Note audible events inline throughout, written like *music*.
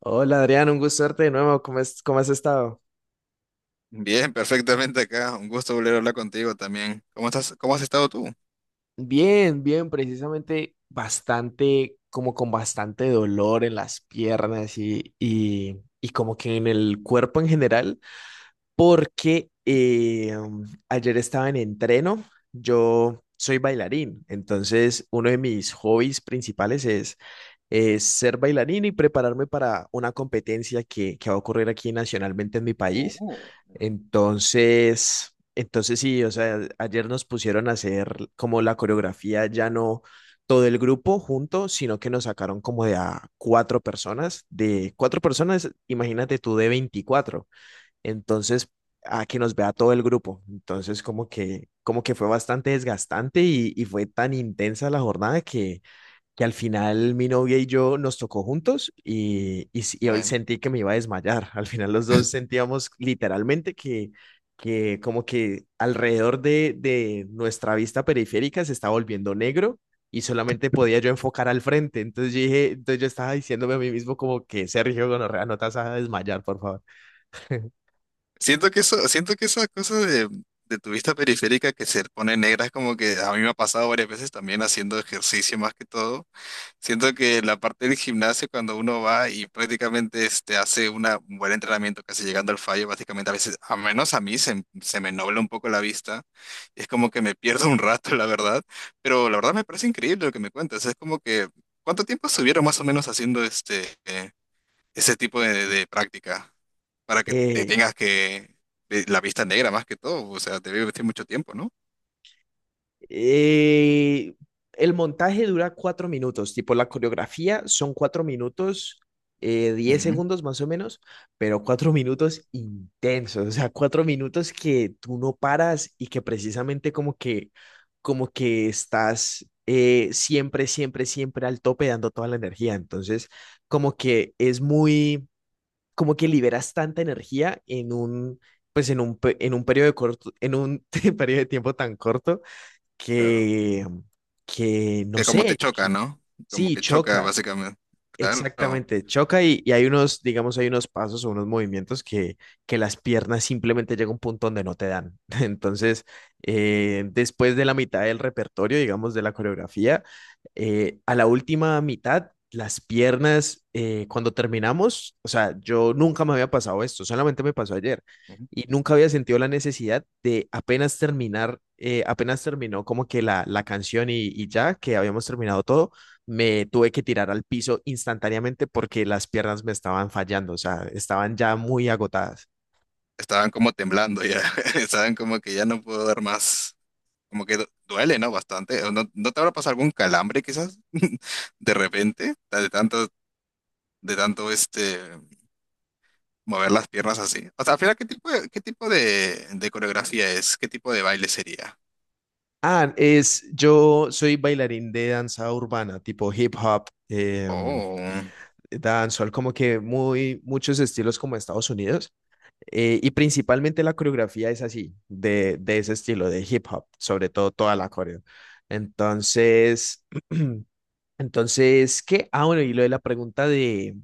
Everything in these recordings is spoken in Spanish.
Hola Adrián, un gusto verte de nuevo. ¿Cómo has estado? Bien, perfectamente acá. Un gusto volver a hablar contigo también. ¿Cómo estás? ¿Cómo has estado tú? Bien, bien, precisamente bastante, como con bastante dolor en las piernas y como que en el cuerpo en general, porque ayer estaba en entreno. Yo soy bailarín, entonces uno de mis hobbies principales es ser bailarín y prepararme para una competencia que va a ocurrir aquí nacionalmente en mi país. Oh, Entonces sí, o sea, ayer nos pusieron a hacer como la coreografía, ya no todo el grupo junto, sino que nos sacaron como de a cuatro personas, de cuatro personas. Imagínate tú, de 24. Entonces, a que nos vea todo el grupo. Entonces, como que fue bastante desgastante y fue tan intensa la jornada que al final mi novia y yo nos tocó juntos y hoy bueno. sentí que me iba a desmayar. Al final los dos sentíamos literalmente que como que alrededor de nuestra vista periférica se estaba volviendo negro y solamente podía yo enfocar al frente. Entonces yo estaba diciéndome a mí mismo como que, Sergio Gonorrea, no te vas a desmayar, por favor. *laughs* Siento que eso, siento que esa cosa de tu vista periférica que se pone negra es como que a mí me ha pasado varias veces también haciendo ejercicio más que todo. Siento que la parte del gimnasio, cuando uno va y prácticamente este, hace una, un buen entrenamiento, casi llegando al fallo, básicamente a veces, a menos a mí, se me nubla un poco la vista. Es como que me pierdo un rato, la verdad. Pero la verdad me parece increíble lo que me cuentas. Es como que, ¿cuánto tiempo estuvieron más o menos haciendo este, ese tipo de práctica para que te Eh, tengas que, de- la vista negra más que todo? O sea, te debe vestir mucho tiempo, ¿no? Eh, el montaje dura 4 minutos, tipo la coreografía son 4 minutos, diez Ujú. segundos más o menos, pero 4 minutos intensos, o sea, 4 minutos que tú no paras y que precisamente como que estás siempre, siempre, siempre al tope dando toda la energía. Entonces, como que es muy, como que liberas tanta energía en un *laughs* periodo de tiempo tan corto, Claro. que, que no Que como te sé. choca, Que ¿no? Como sí, que choca, choca. básicamente. Claro. Exactamente, choca y hay unos, digamos, hay unos pasos o unos movimientos que las piernas simplemente llega a un punto donde no te dan. *laughs* Entonces, después de la mitad del repertorio, digamos, de la coreografía, a la última mitad, las piernas, cuando terminamos, o sea, yo nunca me había pasado esto, solamente me pasó ayer Ujú. y nunca había sentido la necesidad de apenas terminar, apenas terminó como que la canción y ya que habíamos terminado todo me tuve que tirar al piso instantáneamente porque las piernas me estaban fallando, o sea, estaban ya muy agotadas. Estaban como temblando ya, *laughs* estaban como que ya no puedo dar más. Como que du- duele, ¿no? Bastante. ¿O ¿No, no te habrá pasado algún calambre quizás *laughs* de repente? Ta- de tanto este, mover las piernas así. O sea, al final, qué tipo de coreografía es? ¿Qué tipo de baile sería? Ah, yo soy bailarín de danza urbana, tipo hip hop, Oh. dancehall, como que muchos estilos como Estados Unidos. Y principalmente la coreografía es así, de ese estilo, de hip hop, sobre todo toda la coreo. Entonces, *clears throat* entonces, ¿qué? Ah, bueno, y lo de la pregunta de,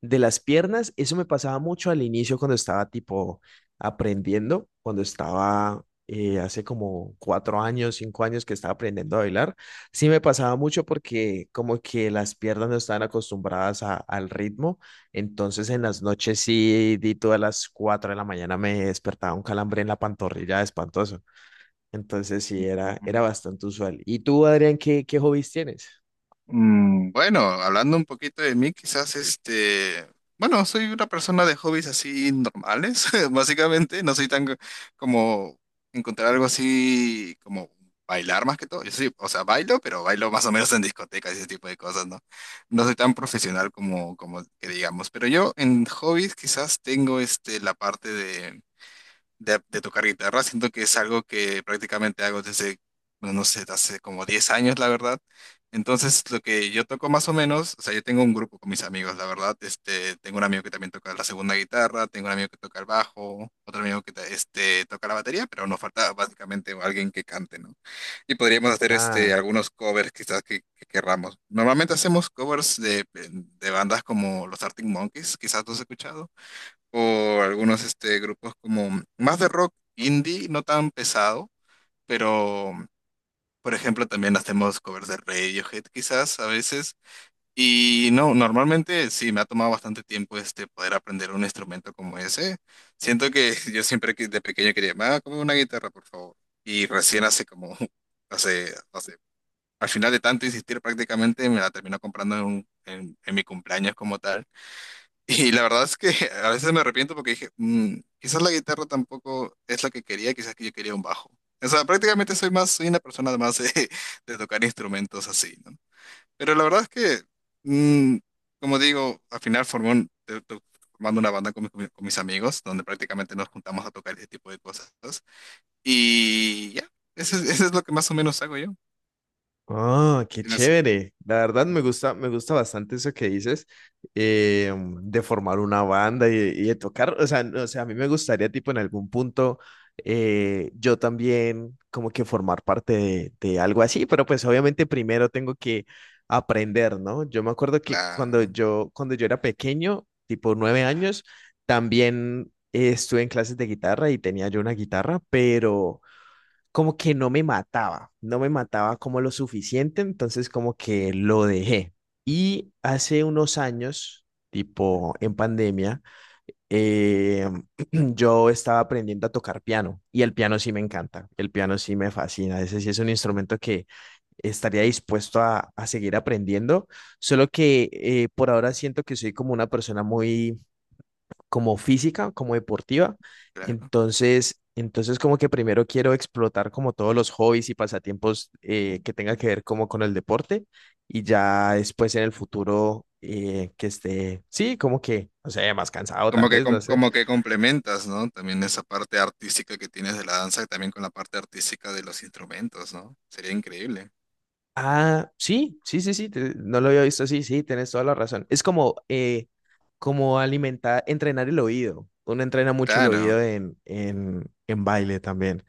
de las piernas, eso me pasaba mucho al inicio cuando estaba tipo aprendiendo, cuando estaba hace como 4 años, 5 años que estaba aprendiendo a bailar. Sí me pasaba mucho porque como que las piernas no estaban acostumbradas a- al ritmo. Entonces en las noches sí, di todas las 4 de la mañana me despertaba un calambre en la pantorrilla espantoso. Entonces sí era bastante usual. ¿Y tú, Adrián, qué, hobbies tienes? Bueno, hablando un poquito de mí, quizás este, bueno, soy una persona de hobbies así normales, *laughs* básicamente, no soy tan co- como encontrar algo así como bailar más que todo. Yo soy, o sea, bailo, pero bailo más o menos en discotecas y ese tipo de cosas, ¿no? No soy tan profesional como como que digamos, pero yo en hobbies quizás tengo este la parte de tocar guitarra. Siento que es algo que prácticamente hago desde, bueno no sé, hace como 10 años, la verdad. Entonces, lo que yo toco más o menos, o sea, yo tengo un grupo con mis amigos, la verdad. Este, tengo un amigo que también toca la segunda guitarra, tengo un amigo que toca el bajo, otro amigo que ta- este, toca la batería, pero nos falta básicamente alguien que cante, ¿no? Y podríamos hacer este, Ah. algunos covers quizás que querramos. Normalmente hacemos covers de bandas como los Arctic Monkeys, quizás tú has escuchado o algunos este, grupos como más de rock indie, no tan pesado, pero por ejemplo también hacemos covers de Radiohead quizás a veces. Y no, normalmente sí, me ha tomado bastante tiempo este, poder aprender un instrumento como ese. Siento que *laughs* yo siempre que de pequeño quería, ah, como una guitarra, por favor. Y recién hace como, *laughs* hace, hace, al final de tanto insistir prácticamente me la terminó comprando en, un- en mi cumpleaños como tal. Y la verdad es que *laughs* a veces me arrepiento porque dije, quizás la guitarra tampoco es la que quería, quizás que yo quería un bajo. O sea, prácticamente soy más, soy una persona más de, *laughs* de tocar instrumentos así, ¿no? Pero la verdad es que, mm, como digo, al final formé un- te- te- formando una banda con, mi- con mi- con mis amigos, donde prácticamente nos juntamos a tocar ese tipo de cosas. Y ya, eso es lo que más o menos hago yo. Oh, qué Tienes- chévere. La verdad me gusta bastante eso que dices, eh, de formar una banda y de tocar. O sea, no, o sea, a mí me gustaría, tipo, en algún punto yo también como que formar parte de algo así, pero pues obviamente primero tengo que aprender, ¿no? Yo me acuerdo que cuando Claro, yo, cuando yo era pequeño, tipo 9 años, también estuve en clases de guitarra y tenía yo una guitarra, pero como que no me mataba, no me mataba como lo suficiente, entonces como que lo dejé. Y hace unos años, tipo en pandemia, eh, *clears throat* yo estaba aprendiendo a tocar piano y el piano sí me encanta, el piano sí me fascina, ese sí es un instrumento que estaría dispuesto a seguir aprendiendo, solo que por ahora siento que soy como una persona muy como física, como deportiva. claro. Entonces como que primero quiero explotar como todos los hobbies y pasatiempos que tenga que ver como con el deporte y ya después en el futuro que esté, sí, como que, no sé, más cansado tal Como que, vez, com- no sé. como que complementas, ¿no? También esa parte artística que tienes de la danza, también con la parte artística de los instrumentos, ¿no? Sería increíble. Ah, sí, sí, sí, sí, no lo había visto así, sí, tienes toda la razón. Es como, como alimentar, entrenar el oído. Uno entrena mucho el Claro. oído en baile también.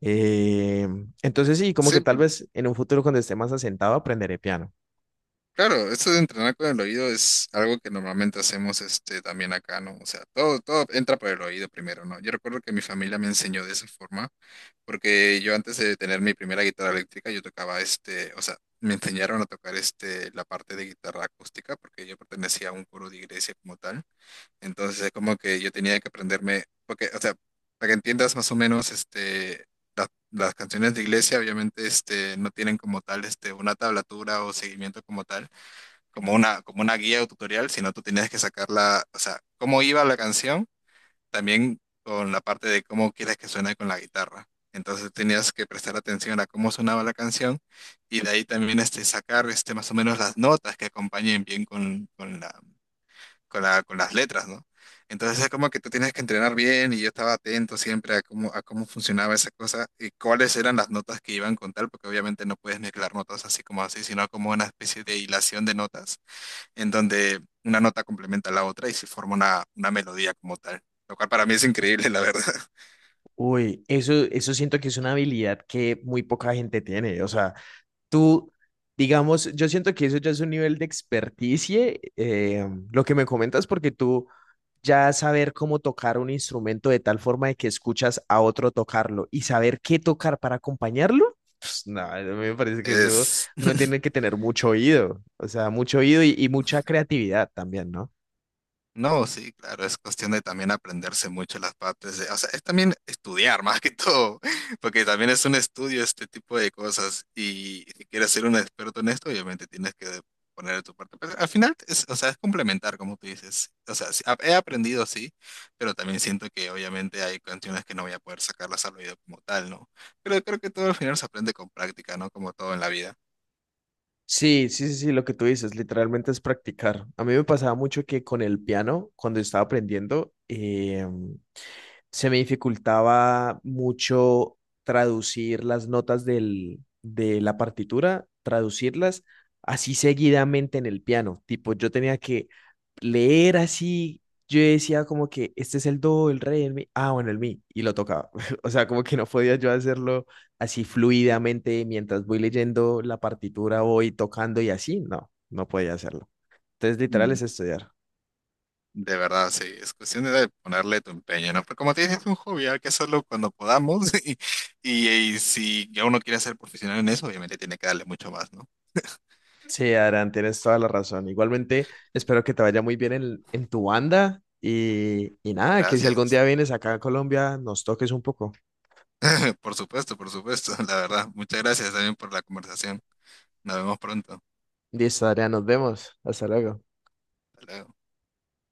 Eh, entonces sí, como que Sí, tal por- vez en un futuro cuando esté más asentado aprenderé piano. claro, eso de entrenar con el oído es algo que normalmente hacemos este, también acá, ¿no? O sea, todo, todo entra por el oído primero, ¿no? Yo recuerdo que mi familia me enseñó de esa forma, porque yo antes de tener mi primera guitarra eléctrica, yo tocaba este, o sea, me enseñaron a tocar este, la parte de guitarra acústica, porque yo pertenecía a un coro de iglesia como tal. Entonces es como que yo tenía que aprenderme, porque, o sea, para que entiendas más o menos, este, las canciones de iglesia obviamente, este, no tienen como tal, este, una tablatura o seguimiento como tal, como una guía o tutorial, sino tú tenías que sacarla, o sea, cómo iba la canción, también con la parte de cómo quieres que suene con la guitarra. Entonces tenías que prestar atención a cómo sonaba la canción y de ahí también este, sacar este, más o menos las notas que acompañen bien con la, con la, con las letras, ¿no? Entonces es como que tú tienes que entrenar bien y yo estaba atento siempre a cómo funcionaba esa cosa y cuáles eran las notas que iban con tal, porque obviamente no puedes mezclar notas así como así, sino como una especie de hilación de notas en donde una nota complementa a la otra y se forma una melodía como tal, lo cual para mí es increíble, la verdad. *laughs* Uy, eso siento que es una habilidad que muy poca gente tiene. O sea, tú, digamos, yo siento que eso ya es un nivel de experticia, lo que me comentas, porque tú ya saber cómo tocar un instrumento de tal forma de que escuchas a otro tocarlo y saber qué tocar para acompañarlo. Pues nada, a mí me parece que eso Es, uno tiene que tener mucho oído, o sea, mucho oído y mucha creatividad también, ¿no? no, sí, claro, es cuestión de también aprenderse mucho las partes de, o sea, es también estudiar *laughs* más que todo, *laughs* porque también es un estudio este tipo de cosas y si quieres ser un experto en esto, obviamente tienes que poner de tu parte. Pero al final, es, o sea, es complementar, como tú dices. O sea, sí, he aprendido, sí, pero también siento que obviamente hay canciones que no voy a poder sacarlas al oído como tal, ¿no? Pero creo que todo al final se aprende con práctica, ¿no? Como todo en la vida. Sí, sí, sí, sí, lo que tú dices, literalmente es practicar. A mí me pasaba mucho que con el piano, cuando estaba aprendiendo, se me dificultaba mucho traducir las notas de la partitura, traducirlas así seguidamente en el piano. Tipo, yo tenía que leer así. Yo decía como que este es el do, el re, el mi, ah, bueno, el mi, y lo tocaba. *laughs* O sea, como que no podía yo hacerlo así fluidamente mientras voy leyendo la partitura, voy tocando y así, no, no podía hacerlo. Entonces, literal es estudiar. De verdad, sí, es cuestión de ponerle tu empeño, ¿no? Pero como te dije, es un hobby, hay que hacerlo cuando podamos *laughs* y, y si ya uno quiere ser profesional en eso, obviamente tiene que darle mucho más, ¿no? Sí, Adrián, tienes toda la razón. Igualmente, espero que te vaya muy bien en, tu banda y nada, que si algún Gracias. día vienes acá a Colombia, nos toques un poco. *laughs* Por supuesto, *laughs* la verdad. Muchas gracias también por la conversación. Nos vemos pronto. Listo, Adrián, nos vemos. Hasta luego. Hasta luego.